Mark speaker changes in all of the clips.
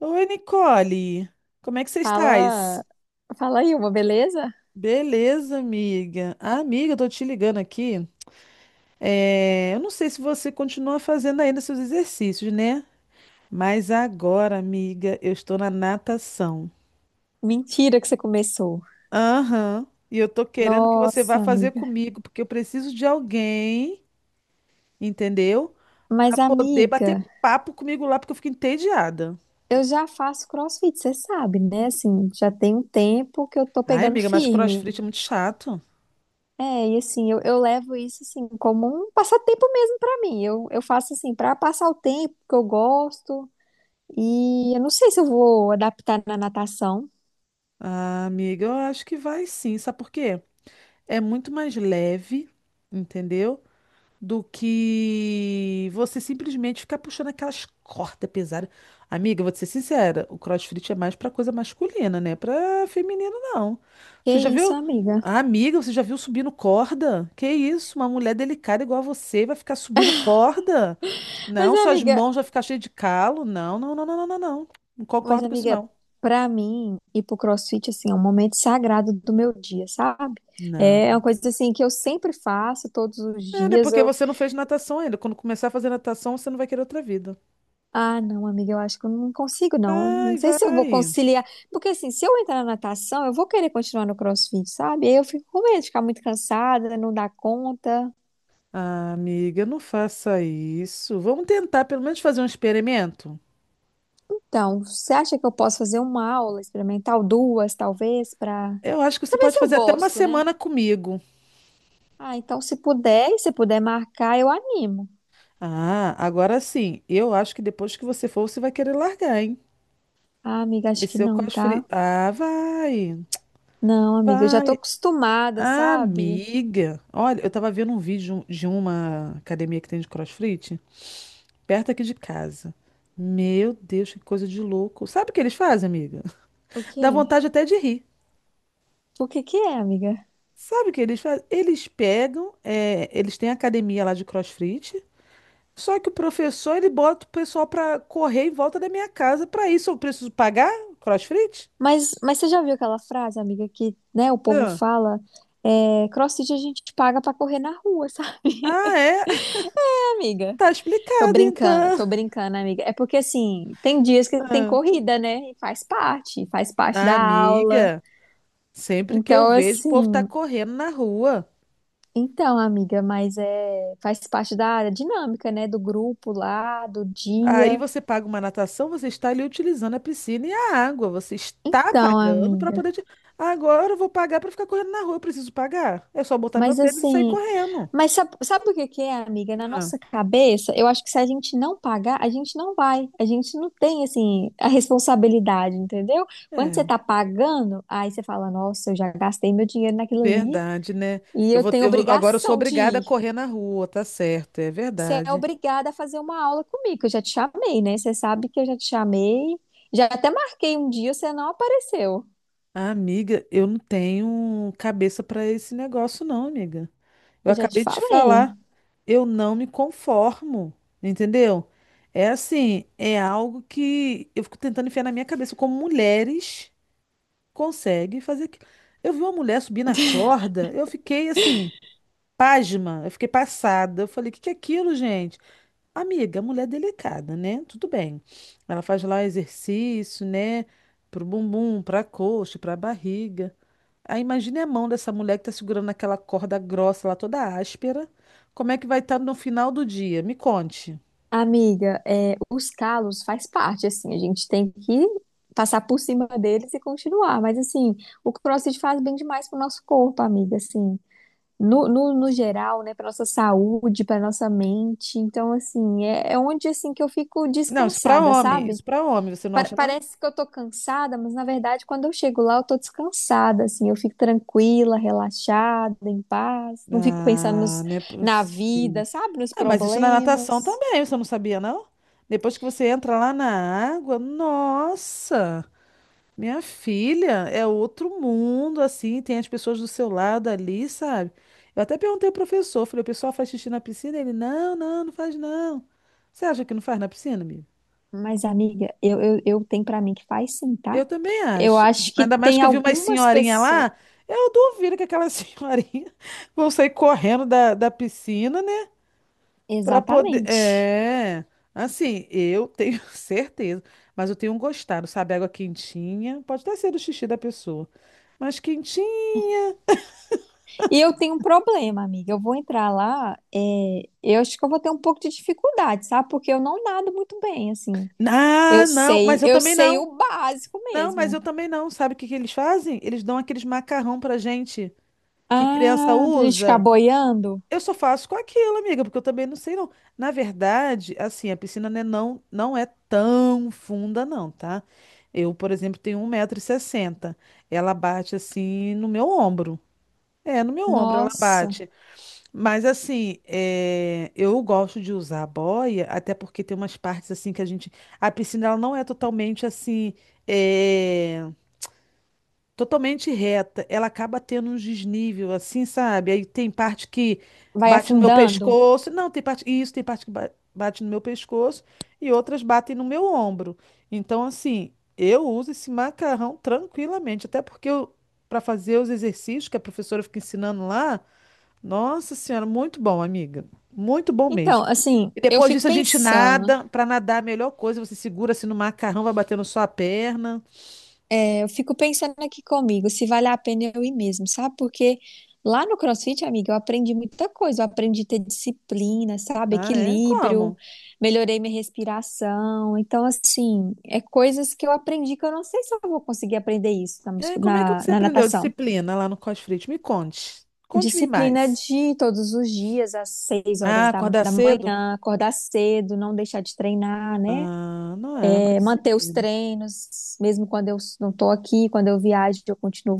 Speaker 1: Oi, Nicole. Como é que você
Speaker 2: Fala,
Speaker 1: estás?
Speaker 2: fala aí uma, beleza?
Speaker 1: Beleza, amiga. Ah, amiga, eu tô te ligando aqui. É, eu não sei se você continua fazendo ainda seus exercícios, né? Mas agora, amiga, eu estou na natação.
Speaker 2: Mentira que você começou.
Speaker 1: Aham. E eu tô querendo que você vá
Speaker 2: Nossa,
Speaker 1: fazer
Speaker 2: amiga.
Speaker 1: comigo, porque eu preciso de alguém, entendeu? Pra
Speaker 2: Mas,
Speaker 1: poder
Speaker 2: amiga,
Speaker 1: bater papo comigo lá, porque eu fico entediada.
Speaker 2: eu já faço CrossFit, você sabe, né? Assim, já tem um tempo que eu tô
Speaker 1: Ai,
Speaker 2: pegando
Speaker 1: amiga, mas
Speaker 2: firme.
Speaker 1: CrossFit é muito chato.
Speaker 2: É, e assim, eu levo isso assim como um passatempo mesmo pra mim. Eu faço assim pra passar o tempo que eu gosto. E eu não sei se eu vou adaptar na natação.
Speaker 1: Ah, amiga, eu acho que vai sim. Sabe por quê? É muito mais leve, entendeu? Do que você simplesmente ficar puxando aquelas cordas pesadas. Amiga, vou te ser sincera, o CrossFit é mais pra coisa masculina, né? Pra feminino, não.
Speaker 2: Que
Speaker 1: Você já
Speaker 2: isso,
Speaker 1: viu?
Speaker 2: amiga?
Speaker 1: Ah, amiga, você já viu subindo corda? Que isso? Uma mulher delicada igual a você vai ficar subindo corda?
Speaker 2: Mas,
Speaker 1: Não, suas
Speaker 2: amiga,
Speaker 1: mãos vão ficar cheias de calo. Não, não, não, não, não, não. Não. Não
Speaker 2: Mas,
Speaker 1: concordo com isso,
Speaker 2: amiga,
Speaker 1: não.
Speaker 2: pra mim, ir pro CrossFit, assim, é um momento sagrado do meu dia, sabe? É uma
Speaker 1: Não.
Speaker 2: coisa, assim, que eu sempre faço, todos os
Speaker 1: Nada, é, né?
Speaker 2: dias.
Speaker 1: Porque você não fez natação ainda. Quando começar a fazer natação, você não vai querer outra vida.
Speaker 2: Ah, não, amiga, eu acho que eu não consigo, não. Não
Speaker 1: Vai,
Speaker 2: sei se eu vou
Speaker 1: vai.
Speaker 2: conciliar. Porque, assim, se eu entrar na natação, eu vou querer continuar no CrossFit, sabe? Aí eu fico com medo de ficar muito cansada, não dar conta.
Speaker 1: Ah, amiga, não faça isso. Vamos tentar pelo menos fazer um experimento.
Speaker 2: Então, você acha que eu posso fazer uma aula experimental, duas, talvez,
Speaker 1: Eu acho que você
Speaker 2: pra ver
Speaker 1: pode
Speaker 2: se eu
Speaker 1: fazer até uma
Speaker 2: gosto, né?
Speaker 1: semana comigo.
Speaker 2: Ah, então, se puder, e se puder marcar, eu animo.
Speaker 1: Ah, agora sim. Eu acho que depois que você for, você vai querer largar, hein?
Speaker 2: Ah, amiga, acho
Speaker 1: Esse
Speaker 2: que
Speaker 1: seu
Speaker 2: não,
Speaker 1: cosfre.
Speaker 2: tá?
Speaker 1: Ah, vai.
Speaker 2: Não, amiga, eu já tô
Speaker 1: Vai.
Speaker 2: acostumada, sabe?
Speaker 1: Amiga. Olha, eu tava vendo um vídeo de uma academia que tem de CrossFit perto aqui de casa. Meu Deus, que coisa de louco. Sabe o que eles fazem, amiga?
Speaker 2: O
Speaker 1: Dá
Speaker 2: quê?
Speaker 1: vontade até de rir.
Speaker 2: O que que é, amiga?
Speaker 1: Sabe o que eles fazem? Eles pegam, eles têm academia lá de CrossFit, só que o professor ele bota o pessoal pra correr em volta da minha casa. Pra isso eu preciso pagar CrossFit?
Speaker 2: Mas você já viu aquela frase, amiga, que, né, o povo
Speaker 1: Ah.
Speaker 2: fala, é, CrossFit a gente paga pra correr na rua, sabe,
Speaker 1: Ah, é?
Speaker 2: amiga?
Speaker 1: Tá explicado então.
Speaker 2: Tô brincando, amiga. É porque, assim, tem dias que tem
Speaker 1: Ah.
Speaker 2: corrida, né? E faz parte
Speaker 1: Ah,
Speaker 2: da aula.
Speaker 1: amiga, sempre que eu
Speaker 2: Então,
Speaker 1: vejo o povo tá
Speaker 2: assim,
Speaker 1: correndo na rua.
Speaker 2: então, amiga, mas é, faz parte da dinâmica, né, do grupo lá, do
Speaker 1: Aí
Speaker 2: dia.
Speaker 1: você paga uma natação, você está ali utilizando a piscina e a água. Você está
Speaker 2: Então,
Speaker 1: pagando para
Speaker 2: amiga.
Speaker 1: poder. Agora eu vou pagar para ficar correndo na rua. Eu preciso pagar. É só botar meu
Speaker 2: Mas
Speaker 1: tênis e sair
Speaker 2: assim,
Speaker 1: correndo.
Speaker 2: mas sabe, sabe o que que é, amiga? Na
Speaker 1: Ah,
Speaker 2: nossa cabeça, eu acho que se a gente não pagar, a gente não vai. A gente não tem, assim, a responsabilidade, entendeu? Quando você
Speaker 1: é,
Speaker 2: tá pagando, aí você fala, nossa, eu já gastei meu dinheiro naquilo ali
Speaker 1: verdade, né?
Speaker 2: e eu tenho
Speaker 1: Agora eu sou
Speaker 2: obrigação de
Speaker 1: obrigada a
Speaker 2: ir.
Speaker 1: correr na rua, tá certo, é
Speaker 2: Você é
Speaker 1: verdade.
Speaker 2: obrigada a fazer uma aula comigo, que eu já te chamei, né? Você sabe que eu já te chamei, já até marquei um dia, você não apareceu.
Speaker 1: Ah, amiga, eu não tenho cabeça para esse negócio, não, amiga. Eu
Speaker 2: Eu já te
Speaker 1: acabei de te
Speaker 2: falei.
Speaker 1: falar, eu não me conformo, entendeu? É assim, é algo que eu fico tentando enfiar na minha cabeça, como mulheres conseguem fazer aquilo. Eu vi uma mulher subir na corda, eu fiquei assim, pasma, eu fiquei passada. Eu falei, o que que é aquilo, gente? Amiga, a mulher é delicada, né? Tudo bem. Ela faz lá exercício, né? Pro bumbum, pra coxa, pra barriga. Aí imagine a mão dessa mulher que tá segurando aquela corda grossa lá, toda áspera. Como é que vai estar no final do dia? Me conte.
Speaker 2: Amiga, é, os calos faz parte, assim, a gente tem que passar por cima deles e continuar. Mas, assim, o CrossFit faz bem demais pro nosso corpo, amiga, assim, no geral, né, pra nossa saúde, pra nossa mente. Então, assim, é onde, assim, que eu fico
Speaker 1: Não, isso pra
Speaker 2: descansada,
Speaker 1: homem.
Speaker 2: sabe?
Speaker 1: Isso pra homem, você não
Speaker 2: Pa-
Speaker 1: acha, não?
Speaker 2: parece que eu tô cansada, mas, na verdade, quando eu chego lá, eu tô descansada, assim, eu fico tranquila, relaxada, em paz, não fico pensando nos-
Speaker 1: Ah, não é
Speaker 2: na
Speaker 1: possível.
Speaker 2: vida, sabe, nos
Speaker 1: Ah, mas isso na natação
Speaker 2: problemas.
Speaker 1: também, você não sabia, não? Depois que você entra lá na água, nossa! Minha filha é outro mundo, assim, tem as pessoas do seu lado ali, sabe? Eu até perguntei ao professor, falei, o pessoal faz xixi na piscina? Ele, não, não, não faz não. Você acha que não faz na piscina, amigo?
Speaker 2: Mas, amiga, eu tenho pra mim que faz sim, tá?
Speaker 1: Eu também
Speaker 2: Eu
Speaker 1: acho.
Speaker 2: acho que
Speaker 1: Ainda mais
Speaker 2: tem
Speaker 1: que eu vi umas
Speaker 2: algumas
Speaker 1: senhorinha
Speaker 2: pessoas.
Speaker 1: lá, eu duvido que aquelas senhorinha vão sair correndo da, da piscina, né? Pra poder.
Speaker 2: Exatamente.
Speaker 1: É. Assim, eu tenho certeza, mas eu tenho um gostado, sabe? Água quentinha, pode até ser do xixi da pessoa, mas quentinha.
Speaker 2: E eu tenho um problema, amiga. Eu vou entrar lá, eu acho que eu vou ter um pouco de dificuldade, sabe? Porque eu não nado muito bem, assim. Eu
Speaker 1: Ah, não,
Speaker 2: sei,
Speaker 1: mas eu
Speaker 2: eu
Speaker 1: também
Speaker 2: sei
Speaker 1: não.
Speaker 2: o básico
Speaker 1: Não, mas
Speaker 2: mesmo.
Speaker 1: eu também não. Sabe o que que eles fazem? Eles dão aqueles macarrão pra gente que criança
Speaker 2: Ah, pra gente ficar
Speaker 1: usa.
Speaker 2: boiando?
Speaker 1: Eu só faço com aquilo, amiga, porque eu também não sei não. Na verdade, assim, a piscina, né, não, não é tão funda não, tá? Eu, por exemplo, tenho 1,60 m. Ela bate assim no meu ombro. É, no meu ombro ela
Speaker 2: Nossa,
Speaker 1: bate. Mas assim, é, eu gosto de usar a boia, até porque tem umas partes assim que a gente. A piscina ela não é totalmente assim, é, totalmente reta. Ela acaba tendo uns desnível, assim, sabe? Aí tem parte que
Speaker 2: vai
Speaker 1: bate no meu
Speaker 2: afundando?
Speaker 1: pescoço. Não, tem parte. Isso, tem parte que bate no meu pescoço e outras batem no meu ombro. Então, assim, eu uso esse macarrão tranquilamente, até porque eu, para fazer os exercícios que a professora fica ensinando lá. Nossa Senhora, muito bom, amiga. Muito bom
Speaker 2: Então,
Speaker 1: mesmo.
Speaker 2: assim,
Speaker 1: E
Speaker 2: eu
Speaker 1: depois
Speaker 2: fico
Speaker 1: disso a gente
Speaker 2: pensando.
Speaker 1: nada. Para nadar, a melhor coisa, você segura assim no macarrão, vai batendo só a perna.
Speaker 2: Eu fico pensando aqui comigo, se vale a pena eu ir mesmo, sabe? Porque lá no CrossFit, amiga, eu aprendi muita coisa. Eu aprendi a ter disciplina, sabe?
Speaker 1: Ah, é?
Speaker 2: Equilíbrio,
Speaker 1: Como?
Speaker 2: melhorei minha respiração. Então, assim, é coisas que eu aprendi que eu não sei se eu vou conseguir aprender isso
Speaker 1: É, como é que você
Speaker 2: na
Speaker 1: aprendeu
Speaker 2: natação.
Speaker 1: disciplina lá no CrossFit? Me conte. Conte-me
Speaker 2: Disciplina
Speaker 1: mais.
Speaker 2: de todos os dias, às seis
Speaker 1: Ah,
Speaker 2: horas
Speaker 1: acordar
Speaker 2: da
Speaker 1: cedo?
Speaker 2: manhã, acordar cedo, não deixar de treinar, né?
Speaker 1: Ah, não é, mas
Speaker 2: É, manter os
Speaker 1: disciplina.
Speaker 2: treinos, mesmo quando eu não tô aqui, quando eu viajo, eu continuo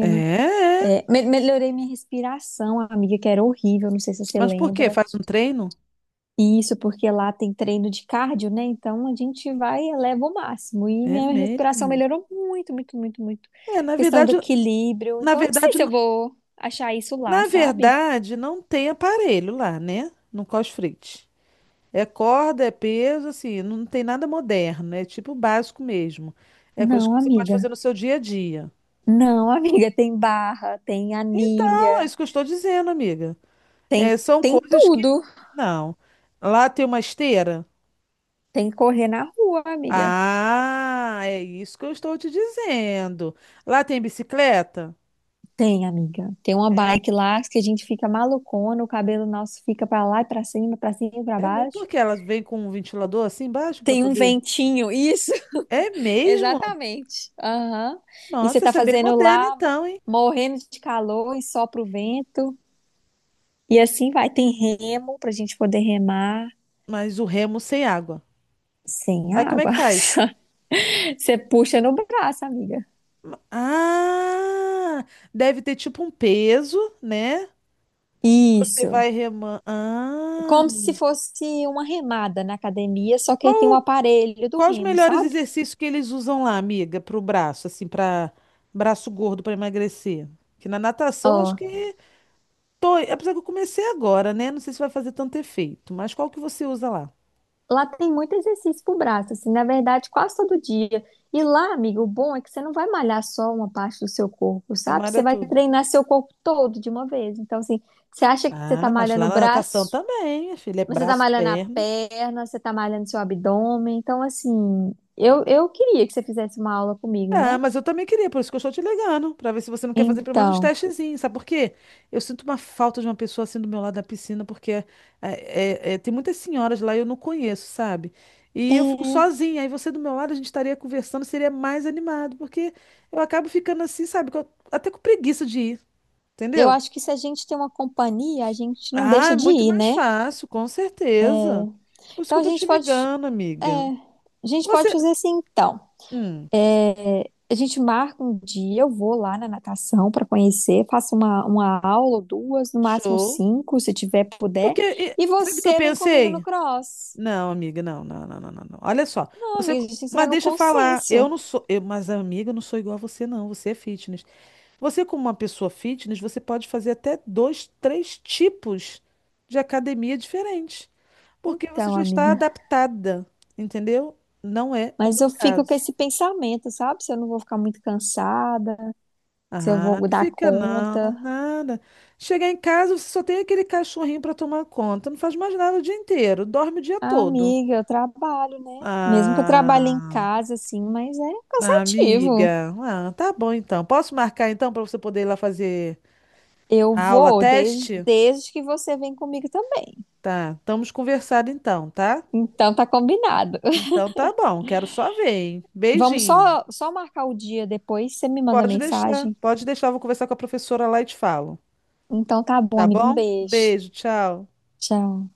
Speaker 1: É, é.
Speaker 2: É, melhorei minha respiração, amiga, que era horrível, não sei se você
Speaker 1: Mas por quê?
Speaker 2: lembra.
Speaker 1: Faz um treino?
Speaker 2: E isso porque lá tem treino de cardio, né? Então a gente vai e eleva o máximo. E
Speaker 1: É
Speaker 2: minha
Speaker 1: mesmo.
Speaker 2: respiração melhorou muito, muito, muito, muito.
Speaker 1: É, na
Speaker 2: Questão do
Speaker 1: verdade,
Speaker 2: equilíbrio.
Speaker 1: na
Speaker 2: Então eu não sei
Speaker 1: verdade,
Speaker 2: se
Speaker 1: n-
Speaker 2: eu vou achar isso lá,
Speaker 1: na
Speaker 2: sabe?
Speaker 1: verdade, não tem aparelho lá, né? No CrossFit. É corda, é peso, assim, não tem nada moderno, é tipo básico mesmo. É coisa que
Speaker 2: Não,
Speaker 1: você pode
Speaker 2: amiga.
Speaker 1: fazer no seu dia a dia.
Speaker 2: Não, amiga, tem barra, tem
Speaker 1: Então, é
Speaker 2: anilha,
Speaker 1: isso que eu estou dizendo, amiga. É,
Speaker 2: tem
Speaker 1: são
Speaker 2: tem
Speaker 1: coisas que
Speaker 2: tudo.
Speaker 1: não. Não. Lá tem uma esteira?
Speaker 2: Tem que correr na rua, amiga.
Speaker 1: Ah, é isso que eu estou te dizendo. Lá tem bicicleta?
Speaker 2: Tem, amiga. Tem uma
Speaker 1: Tem.
Speaker 2: bike lá que a gente fica malucona, o cabelo nosso fica pra lá e pra cima e pra
Speaker 1: É mesmo?
Speaker 2: baixo.
Speaker 1: Porque elas vêm com um ventilador assim embaixo para
Speaker 2: Tem um
Speaker 1: poder.
Speaker 2: ventinho, isso,
Speaker 1: É mesmo?
Speaker 2: exatamente. Aham. E você
Speaker 1: Nossa,
Speaker 2: tá
Speaker 1: isso é bem
Speaker 2: fazendo
Speaker 1: moderno
Speaker 2: lá,
Speaker 1: então, hein?
Speaker 2: morrendo de calor e sopra o vento. E assim vai. Tem remo pra gente poder remar
Speaker 1: Mas o remo sem água.
Speaker 2: sem
Speaker 1: Aí como é que
Speaker 2: água.
Speaker 1: faz?
Speaker 2: Você puxa no braço, amiga.
Speaker 1: Ah, deve ter tipo um peso, né? Você
Speaker 2: Isso.
Speaker 1: vai remando. Ah,
Speaker 2: Como se fosse uma remada na academia, só que aí tem um
Speaker 1: qual,
Speaker 2: aparelho do
Speaker 1: qual os
Speaker 2: remo,
Speaker 1: melhores
Speaker 2: sabe?
Speaker 1: exercícios que eles usam lá, amiga, para o braço, assim, para braço gordo para emagrecer? Que na natação acho
Speaker 2: Ó,
Speaker 1: que tô, apesar que eu comecei agora, né? Não sei se vai fazer tanto efeito, mas qual que você usa lá?
Speaker 2: lá tem muito exercício pro braço, assim, na verdade, quase todo dia. E lá, amigo, o bom é que você não vai malhar só uma parte do seu corpo,
Speaker 1: Você
Speaker 2: sabe?
Speaker 1: malha
Speaker 2: Você vai
Speaker 1: tudo.
Speaker 2: treinar seu corpo todo de uma vez. Então, assim, você acha que você tá
Speaker 1: Ah, mas
Speaker 2: malhando
Speaker 1: lá
Speaker 2: o
Speaker 1: na natação
Speaker 2: braço,
Speaker 1: também, minha filha, é
Speaker 2: mas você tá
Speaker 1: braço,
Speaker 2: malhando a
Speaker 1: perna.
Speaker 2: perna, você tá malhando seu abdômen. Então, assim, eu queria que você fizesse uma aula comigo,
Speaker 1: Ah,
Speaker 2: né?
Speaker 1: mas eu também queria, por isso que eu estou te ligando, para ver se você não quer fazer pelo menos uns
Speaker 2: Então,
Speaker 1: testezinhos, sabe por quê? Eu sinto uma falta de uma pessoa assim do meu lado da piscina, porque é, tem muitas senhoras lá e eu não conheço, sabe? E eu fico
Speaker 2: é,
Speaker 1: sozinha, aí você do meu lado, a gente estaria conversando, seria mais animado, porque eu acabo ficando assim, sabe? Até com preguiça de ir,
Speaker 2: eu
Speaker 1: entendeu?
Speaker 2: acho que se a gente tem uma companhia, a gente não
Speaker 1: Ah,
Speaker 2: deixa
Speaker 1: é
Speaker 2: de
Speaker 1: muito
Speaker 2: ir,
Speaker 1: mais
Speaker 2: né?
Speaker 1: fácil, com certeza. Por isso que
Speaker 2: Então,
Speaker 1: eu
Speaker 2: a
Speaker 1: tô te
Speaker 2: gente pode,
Speaker 1: ligando, amiga.
Speaker 2: a gente pode
Speaker 1: Você.
Speaker 2: fazer assim, então.
Speaker 1: Hum,
Speaker 2: É, a gente marca um dia, eu vou lá na natação para conhecer, faço uma aula ou duas, no máximo
Speaker 1: show.
Speaker 2: cinco, se tiver, puder,
Speaker 1: Porque,
Speaker 2: e
Speaker 1: sabe o que eu
Speaker 2: você vem comigo no
Speaker 1: pensei?
Speaker 2: cross.
Speaker 1: Não, amiga, não, não, não, não, não. Não. Olha só,
Speaker 2: Não,
Speaker 1: você.
Speaker 2: amiga, a gente tem que chegar
Speaker 1: Mas
Speaker 2: no
Speaker 1: deixa eu falar, eu
Speaker 2: consenso.
Speaker 1: não sou. Eu, mas, amiga, eu não sou igual a você, não. Você é fitness. Você, como uma pessoa fitness, você pode fazer até dois, três tipos de academia diferentes. Porque você
Speaker 2: Então,
Speaker 1: já está
Speaker 2: amiga,
Speaker 1: adaptada, entendeu? Não é o
Speaker 2: mas
Speaker 1: meu
Speaker 2: eu fico com
Speaker 1: caso.
Speaker 2: esse pensamento, sabe? Se eu não vou ficar muito cansada, se eu
Speaker 1: Ah,
Speaker 2: vou
Speaker 1: não
Speaker 2: dar
Speaker 1: fica não,
Speaker 2: conta.
Speaker 1: nada. Chegar em casa, você só tem aquele cachorrinho para tomar conta. Não faz mais nada o dia inteiro, dorme o dia
Speaker 2: Ah,
Speaker 1: todo.
Speaker 2: amiga, eu trabalho, né? Mesmo que eu trabalhe em
Speaker 1: Ah.
Speaker 2: casa, assim, mas é
Speaker 1: Ah,
Speaker 2: cansativo.
Speaker 1: amiga. Ah, tá bom então. Posso marcar então para você poder ir lá fazer
Speaker 2: Eu
Speaker 1: a aula
Speaker 2: vou
Speaker 1: teste?
Speaker 2: desde que você vem comigo também.
Speaker 1: Tá, estamos conversando então, tá?
Speaker 2: Então tá combinado.
Speaker 1: Então tá bom, quero só ver, hein?
Speaker 2: Vamos
Speaker 1: Beijinho.
Speaker 2: só, só marcar o dia depois, você me manda mensagem.
Speaker 1: Pode deixar, eu vou conversar com a professora lá e te falo.
Speaker 2: Então tá bom,
Speaker 1: Tá
Speaker 2: amigo. Um
Speaker 1: bom?
Speaker 2: beijo.
Speaker 1: Beijo, tchau.
Speaker 2: Tchau.